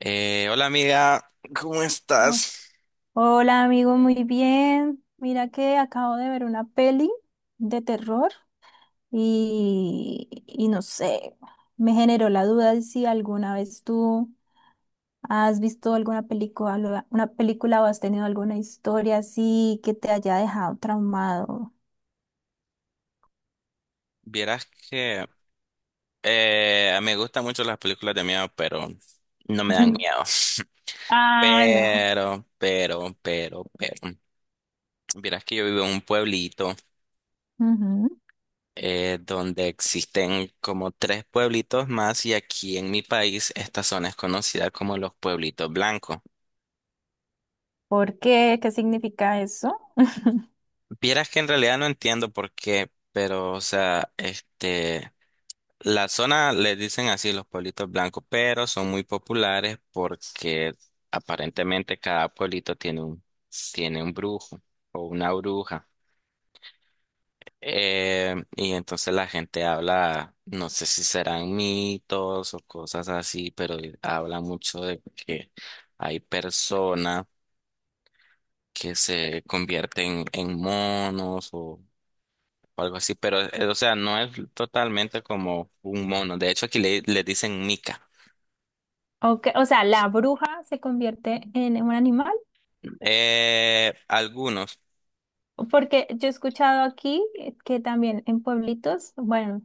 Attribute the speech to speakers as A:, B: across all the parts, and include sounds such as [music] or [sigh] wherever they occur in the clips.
A: Hola amiga, ¿cómo
B: Oh.
A: estás?
B: Hola amigo, muy bien. Mira que acabo de ver una peli de terror y no sé, me generó la duda de si alguna vez tú has visto alguna película, una película o has tenido alguna historia así que te haya dejado traumado.
A: Vieras que me gustan mucho las películas de miedo, pero no me dan miedo.
B: [laughs]
A: [laughs]
B: Ah, no.
A: Pero. Vieras que yo vivo en un pueblito
B: Ujú.
A: donde existen como tres pueblitos más, y aquí en mi país esta zona es conocida como los pueblitos blancos.
B: ¿Por qué? ¿Qué significa eso? [laughs]
A: Vieras que en realidad no entiendo por qué, pero o sea, la zona le dicen así, los pueblitos blancos, pero son muy populares porque aparentemente cada pueblito tiene tiene un brujo o una bruja. Y entonces la gente habla, no sé si serán mitos o cosas así, pero habla mucho de que hay personas que se convierten en monos o algo así, pero o sea, no es totalmente como un mono. De hecho, aquí le dicen mica.
B: Okay, o sea, la bruja se convierte en un animal.
A: Algunos.
B: Porque yo he escuchado aquí que también en pueblitos, bueno,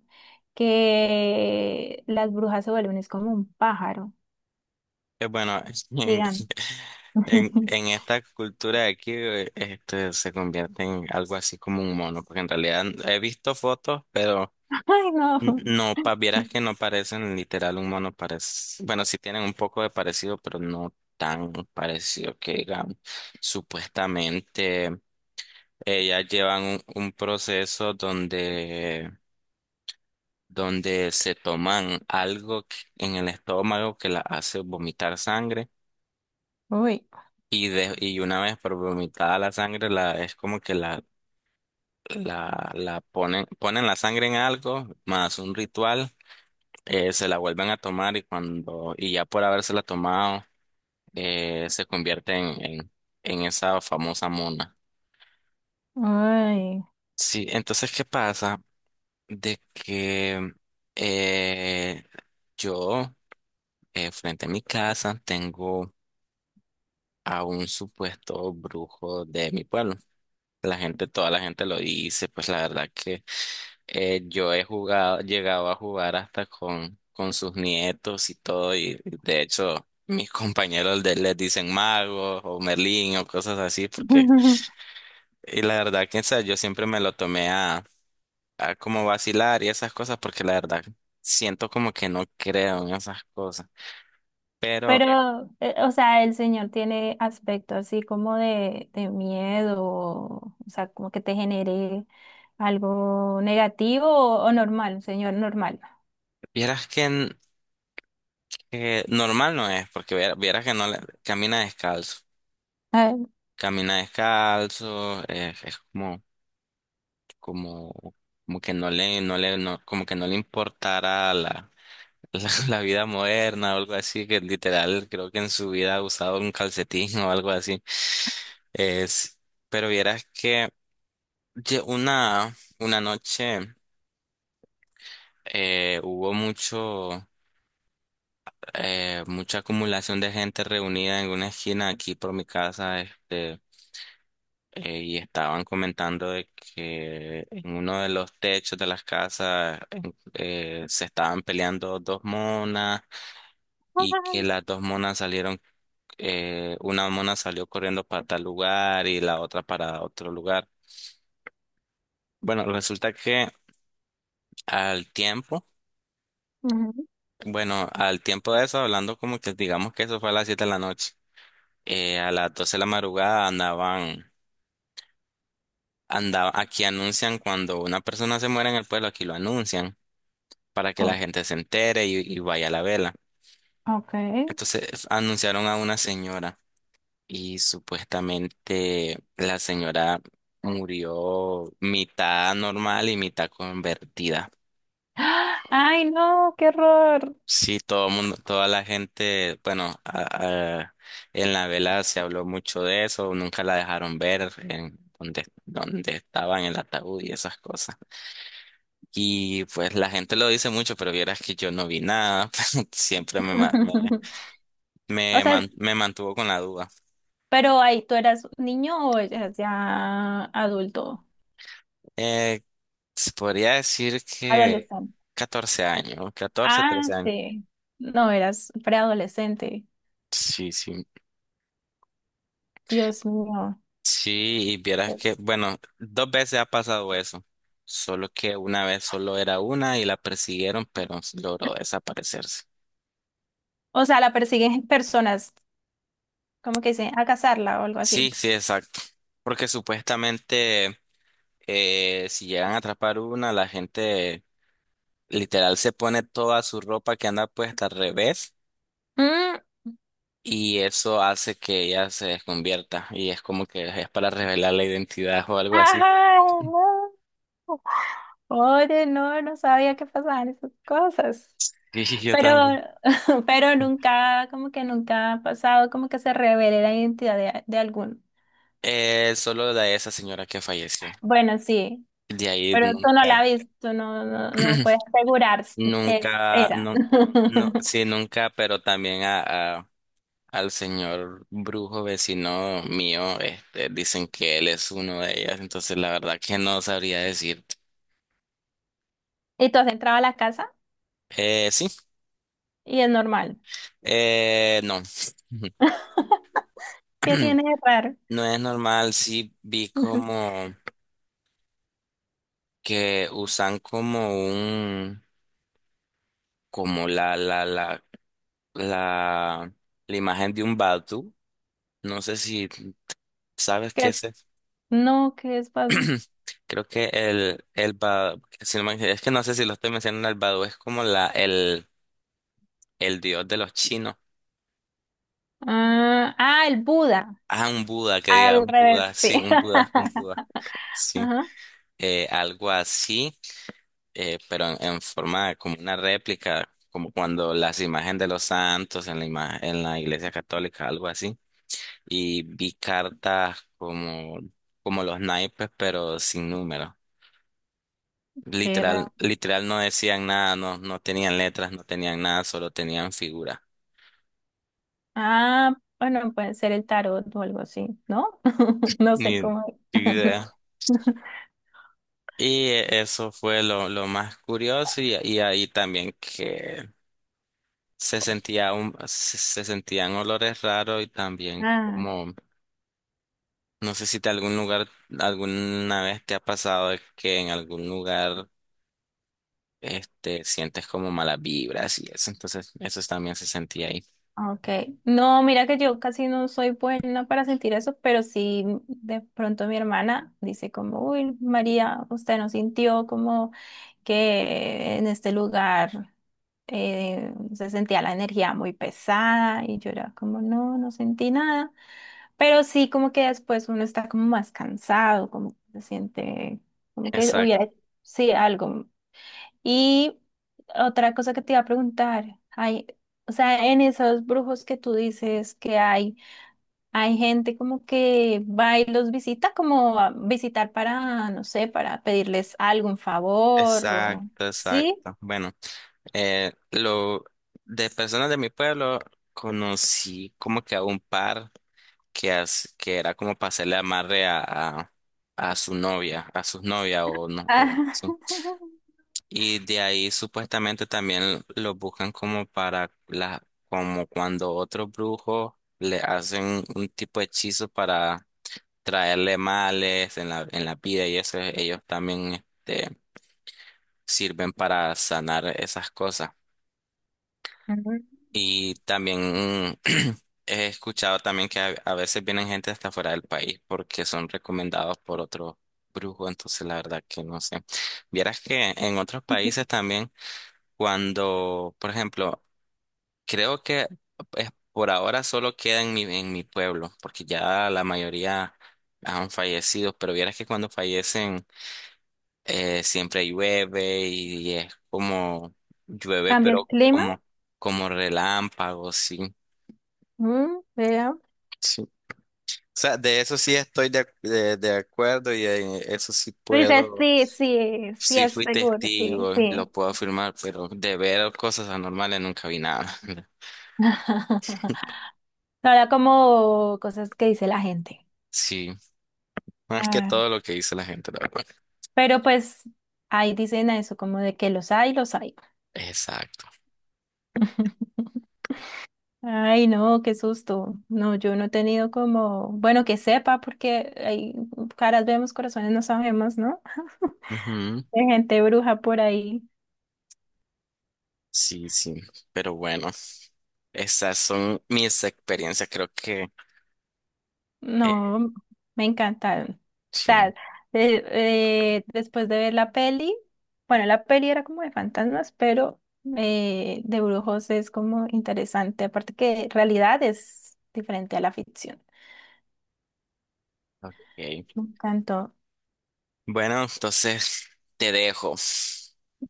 B: que las brujas se vuelven, es como un pájaro,
A: Bueno, [laughs] en,
B: digan. [laughs]
A: en esta cultura de aquí se convierte en algo así como un mono, porque en realidad he visto fotos, pero
B: Ay, no.
A: no, pa, vieras que no parecen literal un mono, parece, bueno, sí tienen un poco de parecido, pero no tan parecido que digamos. Supuestamente ellas llevan un proceso donde donde se toman algo en el estómago que la hace vomitar sangre
B: Uy,
A: y, de, y una vez por vomitada la sangre es como que la ponen, ponen la sangre en algo más, un ritual, se la vuelven a tomar, y cuando y ya por habérsela tomado se convierte en esa famosa mona.
B: ay.
A: Sí, entonces, ¿qué pasa? De que eh, yo, frente a mi casa tengo a un supuesto brujo de mi pueblo. La gente, toda la gente lo dice, pues la verdad que yo he jugado, llegado a jugar hasta con sus nietos y todo, y de hecho mis [laughs] compañeros de, les dicen magos o Merlín o cosas así, porque,
B: [laughs]
A: y la verdad que o sea, yo siempre me lo tomé a como vacilar y esas cosas, porque la verdad siento como que no creo en esas cosas. Pero
B: Pero, o sea, el señor tiene aspecto así como de miedo, o sea, como que te genere algo negativo o normal, un señor normal.
A: vieras que normal no es, porque vieras que no le- camina descalzo.
B: Ay.
A: Camina descalzo, es como, como, como que no no, como que no le importara [laughs] la vida moderna o algo así, que literal creo que en su vida ha usado un calcetín o algo así. Es, pero vieras que una noche hubo mucho, mucha acumulación de gente reunida en una esquina aquí por mi casa, y estaban comentando de que en uno de los techos de las casas se estaban peleando dos monas, y que
B: Ay.
A: las dos monas salieron, una mona salió corriendo para tal lugar y la otra para otro lugar. Bueno, resulta que al tiempo,
B: Ujú.
A: bueno, al tiempo de eso, hablando como que digamos que eso fue a las 7 de la noche, a las 12 de la madrugada andaban, aquí anuncian cuando una persona se muere en el pueblo, aquí lo anuncian, para que la
B: Oh,
A: gente se entere y vaya a la vela.
B: ok.
A: Entonces anunciaron a una señora, y supuestamente la señora murió mitad normal y mitad convertida.
B: ¡Ah! Ay, no, qué horror.
A: Sí, todo mundo, toda la gente, bueno, en la vela se habló mucho de eso, nunca la dejaron ver en donde, donde estaba en el ataúd y esas cosas. Y pues la gente lo dice mucho, pero vieras que yo no vi nada, [laughs] siempre
B: [laughs] O sea,
A: Me mantuvo con la duda.
B: pero ahí tú eras niño o eras ya adulto.
A: Eh, Se podría decir que
B: Adolescente.
A: 14 años, 14
B: Ah,
A: 13 años.
B: sí. No, eras preadolescente.
A: Sí, sí.
B: Dios mío.
A: Sí, y vieras que,
B: Pues.
A: bueno, dos veces ha pasado eso. Solo que una vez solo era una y la persiguieron, pero logró desaparecerse.
B: O sea, la persiguen personas, como que dicen, a cazarla o algo
A: Sí,
B: así.
A: sí, exacto. Porque supuestamente si llegan a atrapar una, la gente literal se pone toda su ropa que anda puesta al revés,
B: Mm,
A: y eso hace que ella se desconvierta y es como que es para revelar la identidad o algo así.
B: ajá, no. Oye, no, no sabía que pasaban esas cosas.
A: Sí, [laughs] sí, yo
B: Pero,
A: también.
B: [laughs] pero nunca, como que nunca ha pasado, como que se revele la identidad de alguno.
A: Solo de esa señora que falleció.
B: Bueno, sí,
A: De ahí
B: pero tú no la
A: nunca,
B: viste, tú no, no, no puedes
A: [clears throat]
B: asegurar, s- es,
A: nunca,
B: era.
A: no,
B: [laughs]
A: no, sí, nunca, pero también al señor brujo vecino mío, este, dicen que él es uno de ellas, entonces la verdad que no sabría decir.
B: Y tú has entrado a la casa
A: Sí,
B: y es normal.
A: no.
B: ¿Qué
A: [clears throat]
B: tiene de raro?
A: No es normal, sí vi
B: [laughs]
A: como que usan como como la, la imagen de un Batu. No sé si sabes
B: Que
A: qué es eso.
B: no, que es pas-
A: Creo que el Badu, si no es que no sé si lo estoy mencionando, el Badu es como el dios de los chinos.
B: Ah, ah, el Buda,
A: Ah, un Buda, que diga,
B: al
A: un Buda,
B: revés, sí.
A: sí, un Buda, un Buda.
B: [laughs]
A: Sí,
B: Ajá,
A: algo así, pero en forma de como una réplica, como cuando las imágenes de los santos en en la iglesia católica, algo así. Y vi cartas como, como los naipes, pero sin número.
B: qué raro.
A: Literal, literal no decían nada, no, no tenían letras, no tenían nada, solo tenían figuras.
B: Ah, bueno, puede ser el tarot o algo así, ¿no? [laughs] No sé
A: Ni
B: cómo.
A: idea.
B: [laughs]
A: Y eso fue lo más curioso, y ahí también que se sentía un, se sentían olores raros y también
B: Ah.
A: como, no sé si te algún lugar, alguna vez te ha pasado de que en algún lugar este, sientes como malas vibras y eso, entonces eso también se sentía ahí.
B: Okay. No, mira que yo casi no soy buena para sentir eso, pero sí de pronto mi hermana dice como, uy, María, usted no sintió como que en este lugar se sentía la energía muy pesada y yo era como, no, no sentí nada, pero sí como que después uno está como más cansado, como que se siente, como que
A: Exacto,
B: hubiera, sí, algo, y otra cosa que te iba a preguntar, hay, o sea, en esos brujos que tú dices que hay gente como que va y los visita, como a visitar para, no sé, para pedirles algún favor o
A: exacto,
B: sí.
A: exacto. Bueno, lo de personas de mi pueblo conocí como que a un par que, que era como para hacerle amarre a, a su novia, a sus novias o no,
B: Ah, [laughs]
A: y de ahí supuestamente también lo buscan como para la, como cuando otros brujos le hacen un tipo de hechizo para traerle males en en la pida y eso, ellos también este, sirven para sanar esas cosas.
B: ujú.
A: Y también [clears throat] he escuchado también que a veces vienen gente hasta fuera del país porque son recomendados por otro brujo, entonces la verdad que no sé. Vieras que en otros países también, cuando, por ejemplo, creo que pues, por ahora solo queda en mi pueblo, porque ya la mayoría han fallecido, pero vieras que cuando fallecen siempre llueve y es como llueve,
B: Cambia el
A: pero
B: clima.
A: como, como relámpagos, sí,
B: Mm, vea.
A: sí. O sea, de eso sí estoy de acuerdo, y eso sí
B: Dices,
A: puedo,
B: sí, sí, sí
A: sí
B: es
A: fui
B: seguro, sí,
A: testigo,
B: sí.
A: lo puedo afirmar, pero de ver cosas anormales nunca vi nada. [laughs]
B: [laughs] No era como cosas que dice la gente.
A: Sí, más que
B: Ah.
A: todo lo que dice la gente, la verdad.
B: Pero pues ahí dicen a eso, como de que los hay, los hay.
A: Exacto.
B: Ay, no, qué susto. No, yo no he tenido como, bueno, que sepa, porque hay caras vemos, corazones no sabemos, ¿no?
A: Ujú.
B: De gente bruja por ahí.
A: Sí, sí, pero bueno, esas son mis experiencias, creo que eh,
B: No, me encantaron. O
A: sí.
B: sea, de- después de ver la peli, bueno, la peli era como de fantasmas, pero de brujos es como interesante, aparte que realidad es diferente a la ficción. Me
A: Ok.
B: encantó.
A: Bueno, entonces te dejo.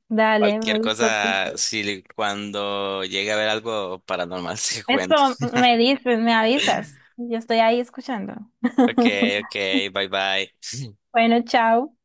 B: Dale,
A: Cualquier
B: me gustó tu
A: cosa,
B: historia.
A: si cuando llegue a ver algo paranormal, [laughs] se cuento.
B: Esto me dices, me avisas. Yo estoy ahí escuchando.
A: Ok, ok,
B: [laughs]
A: bye bye.
B: Bueno, chao.